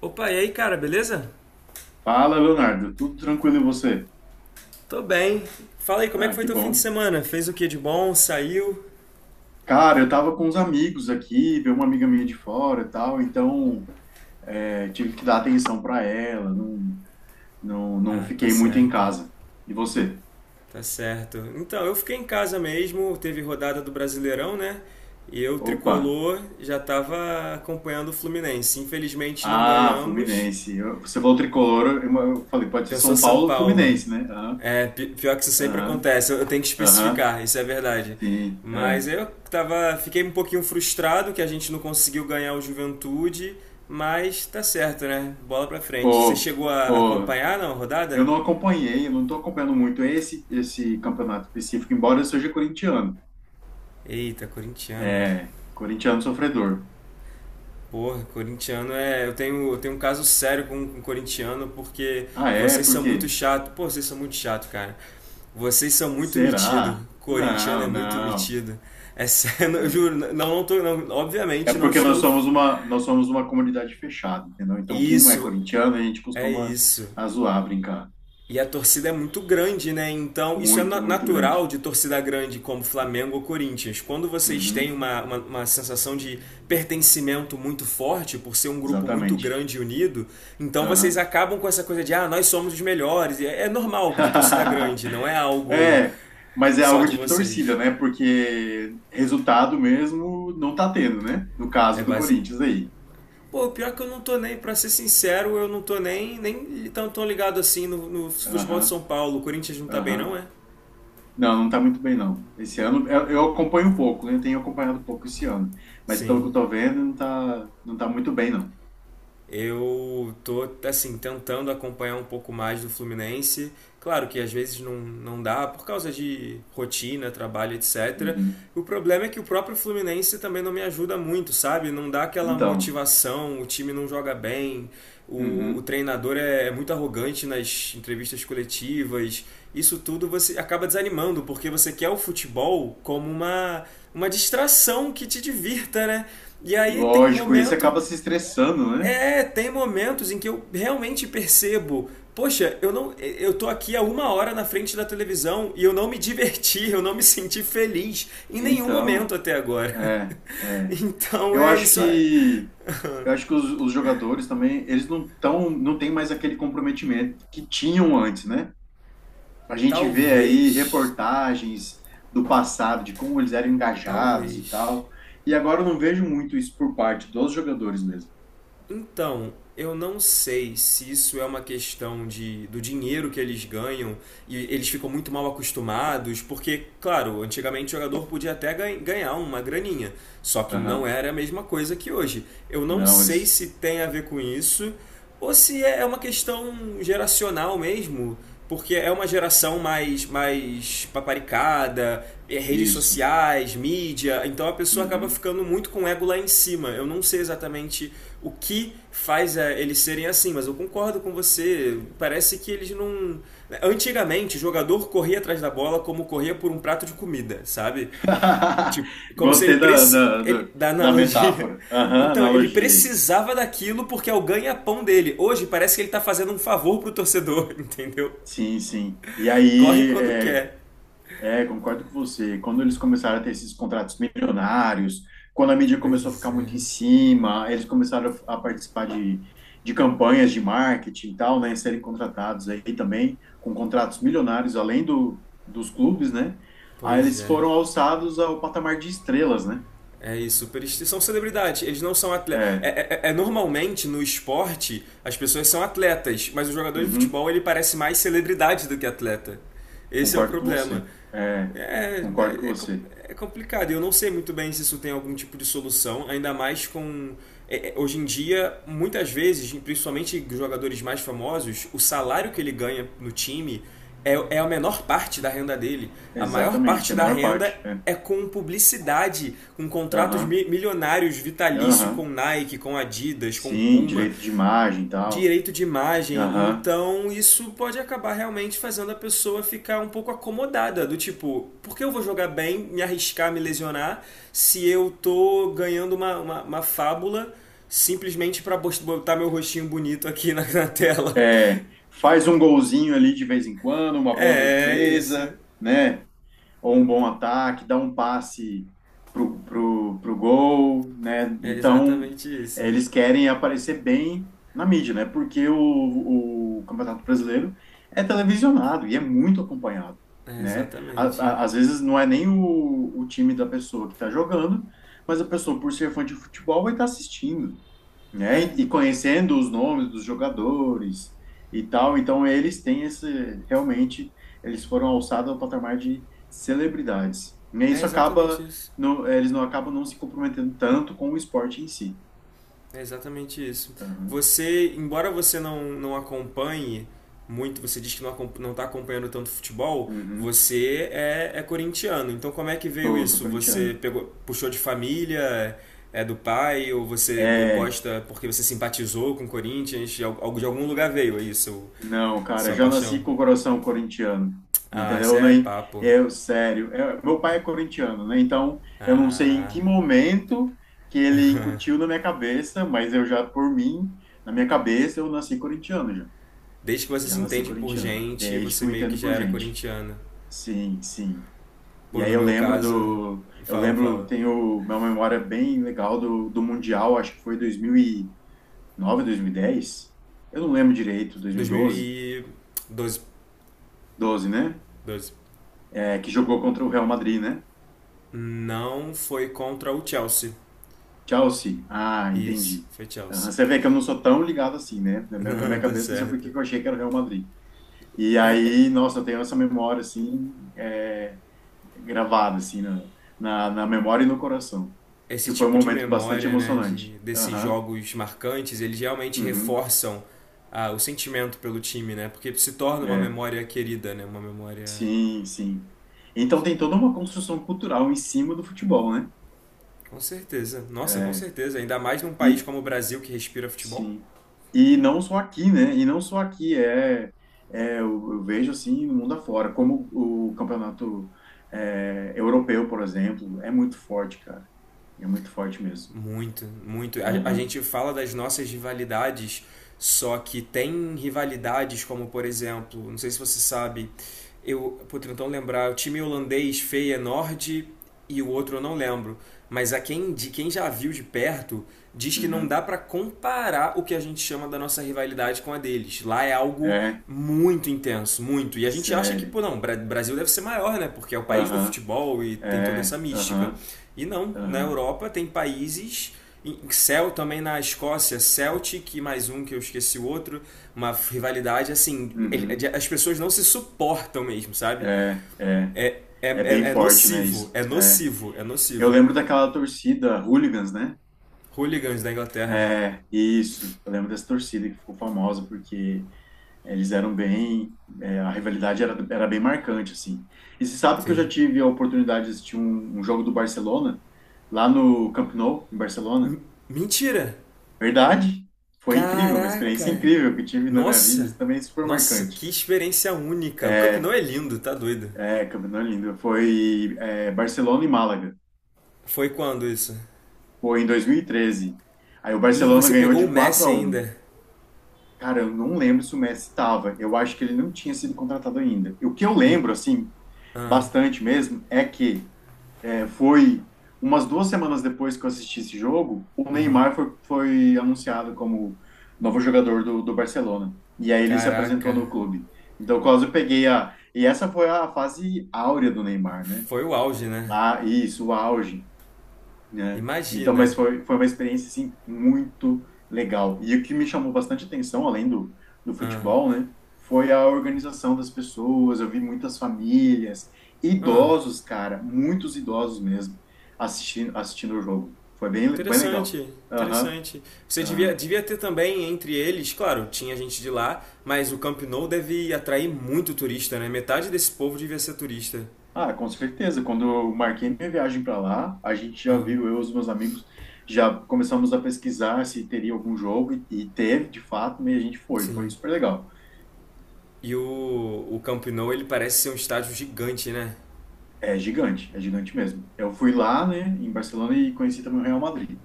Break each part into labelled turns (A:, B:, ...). A: Opa, e aí, cara, beleza?
B: Fala, Leonardo. Tudo tranquilo e você?
A: Tô bem. Fala aí, como é que
B: Ah,
A: foi
B: que
A: teu fim de
B: bom.
A: semana? Fez o que de bom? Saiu?
B: Cara, eu tava com uns amigos aqui, veio uma amiga minha de fora e tal, então tive que dar atenção para ela, não, não, não
A: Ah, tá
B: fiquei muito em
A: certo,
B: casa. E você?
A: tá certo. Então, eu fiquei em casa mesmo, teve rodada do Brasileirão, né? E eu,
B: Opa!
A: tricolor, já tava acompanhando o Fluminense. Infelizmente não
B: Ah,
A: ganhamos.
B: Fluminense. Você falou tricolor, eu falei, pode ser
A: Pensou
B: São
A: São
B: Paulo ou
A: Paulo.
B: Fluminense, né? Aham,
A: É, pior que isso sempre
B: aham,
A: acontece, eu tenho que
B: aham.
A: especificar, isso é verdade.
B: Sim,
A: Mas
B: é.
A: fiquei um pouquinho frustrado que a gente não conseguiu ganhar o Juventude, mas tá certo, né? Bola pra frente. Você
B: Pô,
A: chegou a
B: pô,
A: acompanhar na
B: eu
A: rodada?
B: não acompanhei, eu não tô acompanhando muito esse campeonato específico, embora eu seja corintiano.
A: Eita, corintiano.
B: É, corintiano sofredor.
A: Porra, corintiano é. Eu tenho um caso sério com corintiano porque
B: Ah, é?
A: vocês
B: Por
A: são muito
B: quê?
A: chato. Pô, vocês são muito chato, cara. Vocês são muito metido.
B: Será?
A: Corintiano é
B: Não,
A: muito
B: não,
A: metido. É sério, eu
B: não.
A: juro, não, não tô. Não,
B: É
A: obviamente não
B: porque nós
A: estou.
B: somos uma, nós somos uma comunidade fechada, entendeu? Então, quem não é
A: Isso,
B: corintiano, a gente
A: é
B: costuma
A: isso.
B: a zoar, brincar.
A: E a torcida é muito grande, né? Então, isso é
B: Muito, muito
A: natural
B: grande.
A: de torcida grande como Flamengo ou Corinthians. Quando vocês têm
B: Uhum,
A: uma sensação de pertencimento muito forte, por ser um grupo muito
B: exatamente.
A: grande e unido, então vocês
B: Aham.
A: acabam com essa coisa de, ah, nós somos os melhores. É normal de torcida grande, não é algo
B: É, mas é
A: só
B: algo
A: de
B: de
A: vocês.
B: torcida, né? Porque resultado mesmo não tá tendo, né? No
A: É
B: caso do
A: base.
B: Corinthians aí.
A: Pô, pior que eu não tô nem, pra ser sincero, eu não tô nem tão ligado assim no futebol de São
B: Aham,
A: Paulo. O Corinthians não tá bem, não
B: aham.
A: é?
B: Não, não tá muito bem, não. Esse ano, eu acompanho um pouco, né? Eu tenho acompanhado um pouco esse ano. Mas
A: Sim.
B: pelo que eu tô vendo, não tá muito bem, não.
A: Eu tô, assim, tentando acompanhar um pouco mais do Fluminense. Claro que às vezes não dá por causa de rotina, trabalho, etc.
B: Uhum.
A: O problema é que o próprio Fluminense também não me ajuda muito, sabe? Não dá aquela
B: Então,
A: motivação, o time não joga bem, o
B: uhum.
A: treinador é muito arrogante nas entrevistas coletivas. Isso tudo você acaba desanimando, porque você quer o futebol como uma distração que te divirta, né? E aí
B: Lógico, esse acaba se estressando, né?
A: tem momentos em que eu realmente percebo, poxa, eu não, eu tô aqui há uma hora na frente da televisão e eu não me diverti, eu não me senti feliz em nenhum momento
B: Então,
A: até agora.
B: é, é.
A: Então
B: Eu
A: é
B: acho
A: isso.
B: que, eu acho que os jogadores também, eles não tão, não têm mais aquele comprometimento que tinham antes, né? A gente vê aí
A: Talvez,
B: reportagens do passado, de como eles eram engajados e
A: talvez.
B: tal. E agora eu não vejo muito isso por parte dos jogadores mesmo.
A: Então, eu não sei se isso é uma questão do dinheiro que eles ganham e eles ficam muito mal acostumados, porque, claro, antigamente o jogador podia até ganhar uma graninha, só que não
B: Aham.
A: era a mesma coisa que hoje. Eu não
B: Não,
A: sei
B: eles.
A: se tem a ver com isso ou se é uma questão geracional mesmo, porque é uma geração mais paparicada, é redes
B: Isso.
A: sociais, mídia, então a pessoa acaba
B: Uhum.
A: ficando muito com o ego lá em cima. Eu não sei exatamente o que faz eles serem assim, mas eu concordo com você. Parece que eles não. Né, antigamente, o jogador corria atrás da bola como corria por um prato de comida, sabe? Tipo, como se
B: Gostei
A: ele da
B: da
A: analogia.
B: metáfora. Aham,
A: Então, ele
B: analogia aí.
A: precisava daquilo porque é o ganha-pão dele. Hoje parece que ele tá fazendo um favor pro torcedor, entendeu?
B: Sim, sim. E
A: Corre
B: aí,
A: quando
B: é,
A: quer.
B: É, concordo com você. Quando eles começaram a ter esses contratos milionários, quando a mídia começou a ficar
A: Pois
B: muito em
A: é.
B: cima, eles começaram a participar de campanhas de marketing e tal, né? Serem contratados aí também com contratos milionários, além do, dos clubes, né? Aí
A: Pois
B: eles
A: é.
B: foram alçados ao patamar de estrelas, né?
A: É isso, eles são celebridades, eles não são atletas. É,
B: É,
A: é, é, é normalmente no esporte as pessoas são atletas, mas o jogador de
B: uhum,
A: futebol ele parece mais celebridade do que atleta. Esse é o
B: concordo com
A: problema.
B: você. É,
A: É, é,
B: concordo com
A: é,
B: você.
A: é complicado. Eu não sei muito bem se isso tem algum tipo de solução, ainda mais com. Hoje em dia, muitas vezes, principalmente jogadores mais famosos, o salário que ele ganha no time é a menor parte da renda dele. A maior
B: Exatamente,
A: parte
B: é a
A: da
B: menor
A: renda
B: parte. É.
A: é com publicidade, com contratos
B: Aham,
A: milionários vitalício com
B: aham.
A: Nike, com Adidas, com
B: Sim,
A: Puma
B: direito de imagem e tal.
A: direito de imagem,
B: Aham.
A: então isso pode acabar realmente fazendo a pessoa ficar um pouco acomodada, do tipo, por que eu vou jogar bem, me arriscar, me lesionar, se eu tô ganhando uma fábula simplesmente pra botar meu rostinho bonito aqui na tela?
B: É, faz um golzinho ali de vez em quando, uma boa
A: É, é isso.
B: defesa, né? Ou um bom ataque, dá um passe pro gol, né?
A: É
B: Então,
A: exatamente isso.
B: eles querem aparecer bem na mídia, né? Porque o Campeonato Brasileiro é televisionado e é muito acompanhado,
A: É
B: né?
A: exatamente.
B: Às vezes não é nem o time da pessoa que está jogando, mas a pessoa, por ser fã de futebol, vai estar assistindo, né?
A: É,
B: E, conhecendo os nomes dos jogadores e tal, então eles têm esse, realmente, eles foram alçados ao patamar de celebridades. E
A: é
B: isso
A: exatamente
B: acaba,
A: isso.
B: eles não acabam não se comprometendo tanto com o esporte em si.
A: É exatamente isso.
B: Aham.
A: Você, embora você não acompanhe muito, você diz que não está acompanhando tanto futebol,
B: Uhum.
A: você é corintiano. Então como é que veio
B: Sou, sou
A: isso? Você
B: corintiano.
A: pegou, puxou de família, é do pai, ou você
B: É,
A: gosta porque você simpatizou com o Corinthians? De algum lugar veio isso
B: não, cara,
A: sua
B: já nasci
A: paixão?
B: com o coração corintiano,
A: Ah, isso
B: entendeu?
A: é
B: Nem
A: papo.
B: eu, sério. Meu pai é corintiano, né? Então, eu não sei em
A: Ah,
B: que momento que ele incutiu na minha cabeça, mas eu já, por mim, na minha cabeça, eu nasci corintiano já.
A: desde que você
B: Já
A: se
B: nasci
A: entende por
B: corintiano,
A: gente,
B: desde que
A: você
B: eu
A: meio que
B: entendo
A: já
B: por
A: era
B: gente.
A: corintiano.
B: Sim, sim. E
A: Pô,
B: aí
A: no
B: eu
A: meu
B: lembro
A: caso,
B: do, eu
A: fala,
B: lembro,
A: fala.
B: tenho uma memória bem legal do Mundial, acho que foi 2009, dez. Eu não lembro direito, dois mil e doze,
A: 2012.
B: doze, né?
A: 12.
B: Que jogou contra o Real Madrid, né?
A: Não foi contra o Chelsea.
B: Chelsea. Ah,
A: Isso,
B: entendi.
A: foi
B: Aham,
A: Chelsea.
B: você vê que eu não sou tão ligado assim, né? Na minha na
A: Não,
B: minha
A: tá
B: cabeça, não sei por que
A: certo.
B: que eu achei que era o Real Madrid. E aí, nossa, eu tenho essa memória, assim, gravada, assim, na memória e no coração.
A: Esse
B: Que foi um
A: tipo de
B: momento bastante
A: memória, né,
B: emocionante.
A: desses
B: Aham,
A: jogos marcantes, eles realmente
B: uhum,
A: reforçam o sentimento pelo time, né? Porque se torna uma
B: é.
A: memória querida, né? Uma memória.
B: Sim, sim. Então tem toda uma construção cultural em cima do futebol, né?
A: Com certeza. Nossa, com
B: É,
A: certeza. Ainda mais num país
B: e,
A: como o Brasil que respira futebol.
B: sim. E não só aqui, né? E não só aqui, eu vejo assim no mundo afora, como o campeonato europeu, por exemplo, é muito forte, cara. É muito forte mesmo.
A: Muito, muito. A
B: Aham.
A: gente fala das nossas rivalidades, só que tem rivalidades como, por exemplo, não sei se você sabe, vou tentando lembrar, o time holandês Feyenoord e o outro eu não lembro. Mas de quem já viu de perto, diz que não dá
B: Uhum.
A: para comparar o que a gente chama da nossa rivalidade com a deles. Lá é algo
B: É,
A: muito intenso, muito. E a gente acha que,
B: sério.
A: pô, não, Brasil deve ser maior, né? Porque é o país do
B: Aham.
A: futebol e tem toda
B: É,
A: essa mística.
B: aham.
A: E não, na
B: Aham.
A: Europa tem países. Cel também na Escócia, Celtic e mais um que eu esqueci o outro, uma rivalidade assim,
B: Uhum.
A: as pessoas não se suportam mesmo, sabe?
B: É, é.
A: É, é,
B: É
A: é,
B: bem
A: é
B: forte, né,
A: nocivo,
B: isso?
A: é
B: É.
A: nocivo, é
B: Eu
A: nocivo.
B: lembro daquela torcida Hooligans, né?
A: Hooligans da Inglaterra,
B: É, isso. Eu lembro dessa torcida que ficou famosa porque eles eram bem, a rivalidade era bem marcante, assim. E você sabe que eu já
A: sim.
B: tive a oportunidade de assistir um jogo do Barcelona, lá no Camp Nou, em Barcelona.
A: M- Mentira!
B: Verdade, foi incrível, uma experiência
A: Caraca!
B: incrível que tive na minha vida,
A: Nossa!
B: isso também é super
A: Nossa,
B: marcante.
A: que experiência única. O campeonato
B: É,
A: é lindo, tá doido.
B: Camp Nou é lindo, foi Barcelona e Málaga,
A: Foi quando isso?
B: foi em 2013. Aí o
A: E
B: Barcelona
A: você
B: ganhou
A: pegou
B: de
A: o
B: 4
A: Messi
B: a 1.
A: ainda.
B: Cara, eu não lembro se o Messi estava, eu acho que ele não tinha sido contratado ainda. E o que eu
A: Hum,
B: lembro, assim,
A: Ah,
B: bastante mesmo, é que foi umas 2 semanas depois que eu assisti esse jogo, o
A: aham.
B: Neymar foi anunciado como novo jogador do Barcelona. E aí ele se apresentou
A: Caraca.
B: no clube. Então, quase eu peguei a. E essa foi a fase áurea do Neymar, né?
A: Foi o auge, né?
B: Lá, isso, o auge, né? Então,
A: Imagina.
B: mas foi uma experiência, assim, muito legal. E o que me chamou bastante atenção, além do
A: Ah,
B: futebol, né? Foi a organização das pessoas, eu vi muitas famílias,
A: ah.
B: idosos, cara, muitos idosos mesmo, assistindo o jogo. Foi bem, bem legal.
A: Interessante,
B: Aham,
A: interessante. Você devia,
B: aham.
A: devia ter também entre eles, claro, tinha gente de lá, mas o Camp Nou deve atrair muito turista, né? Metade desse povo devia ser turista.
B: Ah, com certeza. Quando eu marquei minha viagem para lá, a gente já
A: Ah,
B: viu, eu e os meus amigos, já começamos a pesquisar se teria algum jogo, e teve, de fato, e a gente foi. Foi
A: sim.
B: super legal.
A: E o Camp Nou, ele parece ser um estádio gigante, né?
B: É gigante mesmo. Eu fui lá, né, em Barcelona e conheci também o Real Madrid.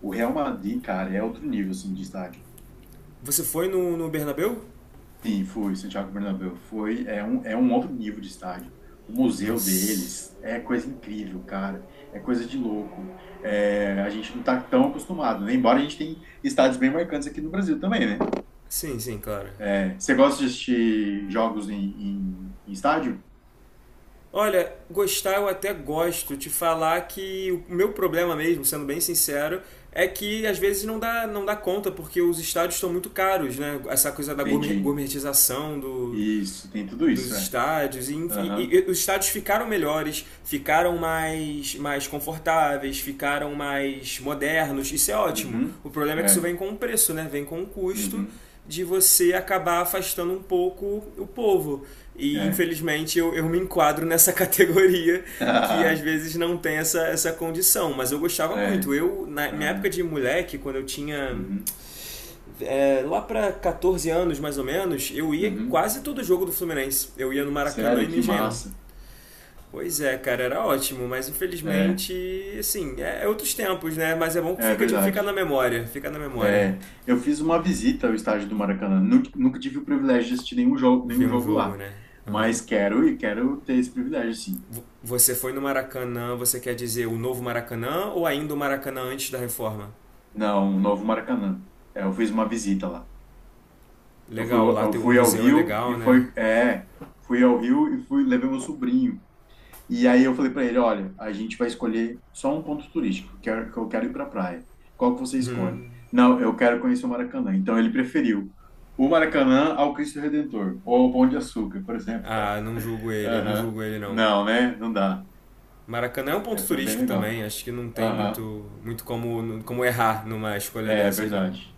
B: O Real Madrid, cara, é outro nível, assim, de estádio.
A: Você foi no Bernabéu?
B: Sim, fui, Santiago Bernabéu. Foi, é um outro nível de estádio. O museu
A: Nossa.
B: deles é coisa incrível, cara. É coisa de louco. É, a gente não tá tão acostumado, né? Embora a gente tenha estádios bem marcantes aqui no Brasil também, né?
A: Sim, sim, claro.
B: É, você gosta de assistir jogos em, estádio?
A: Olha, gostar eu até gosto. Te falar que o meu problema mesmo, sendo bem sincero, é que às vezes não dá conta, porque os estádios estão muito caros, né? Essa coisa da
B: Entendi.
A: gourmetização
B: Isso, tem tudo
A: dos
B: isso, é.
A: estádios e, e-
B: Aham.
A: e os estádios ficaram melhores, ficaram mais confortáveis, ficaram mais modernos. Isso é ótimo.
B: Uhum.
A: O problema é que isso
B: É.
A: vem com um preço, né? Vem com um custo
B: Uhum.
A: de você acabar afastando um pouco o povo. E
B: É.
A: infelizmente eu me enquadro nessa categoria que às
B: Ah,
A: vezes não tem essa condição. Mas eu gostava
B: é,
A: muito. Eu, na minha época
B: aham,
A: de moleque, quando eu tinha
B: uhum,
A: lá para 14 anos, mais ou menos, eu ia em
B: uhum.
A: quase todo jogo do Fluminense. Eu ia no Maracanã e
B: Sério,
A: no
B: que
A: Engenhão.
B: massa.
A: Pois é, cara, era ótimo, mas
B: É,
A: infelizmente, assim, é outros tempos, né? Mas é bom que
B: é verdade.
A: fica na memória
B: É, eu fiz uma visita ao estádio do Maracanã. Nunca, nunca tive o privilégio de assistir
A: ver
B: nenhum
A: um
B: jogo
A: jogo,
B: lá,
A: né? Aham.
B: mas quero e quero ter esse privilégio, sim.
A: Você foi no Maracanã, você quer dizer o novo Maracanã ou ainda o Maracanã antes da reforma?
B: Não, o novo Maracanã. É, eu fiz uma visita lá. Eu fui,
A: Legal, lá
B: eu
A: tem, o
B: fui ao
A: museu é
B: Rio e
A: legal, né?
B: fui ao Rio e fui, levei meu sobrinho. E aí eu falei para ele, olha, a gente vai escolher só um ponto turístico, que eu quero ir para a praia. Qual que você escolhe?
A: Hum.
B: Não, eu quero conhecer o Maracanã. Então ele preferiu o Maracanã ao Cristo Redentor, ou ao Pão de Açúcar, por exemplo, né?
A: Ah, não julgo ele, não
B: Aham.
A: julgo ele não.
B: Não, né? Não dá.
A: Maracanã é um ponto
B: É, foi bem
A: turístico
B: legal.
A: também, acho que não tem
B: Aham.
A: muito, muito como errar numa escolha
B: É
A: dessas, não.
B: verdade.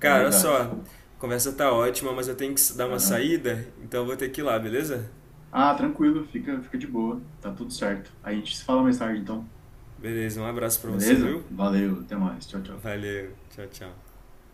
B: É
A: olha só,
B: verdade.
A: a conversa tá ótima, mas eu tenho que dar uma
B: Aham.
A: saída, então eu vou ter que ir lá, beleza?
B: Ah, tranquilo, fica, fica de boa. Tá tudo certo. A gente se fala mais tarde, então.
A: Beleza, um abraço pra você, viu?
B: Beleza? Valeu, até mais. Tchau, tchau.
A: Valeu, tchau, tchau.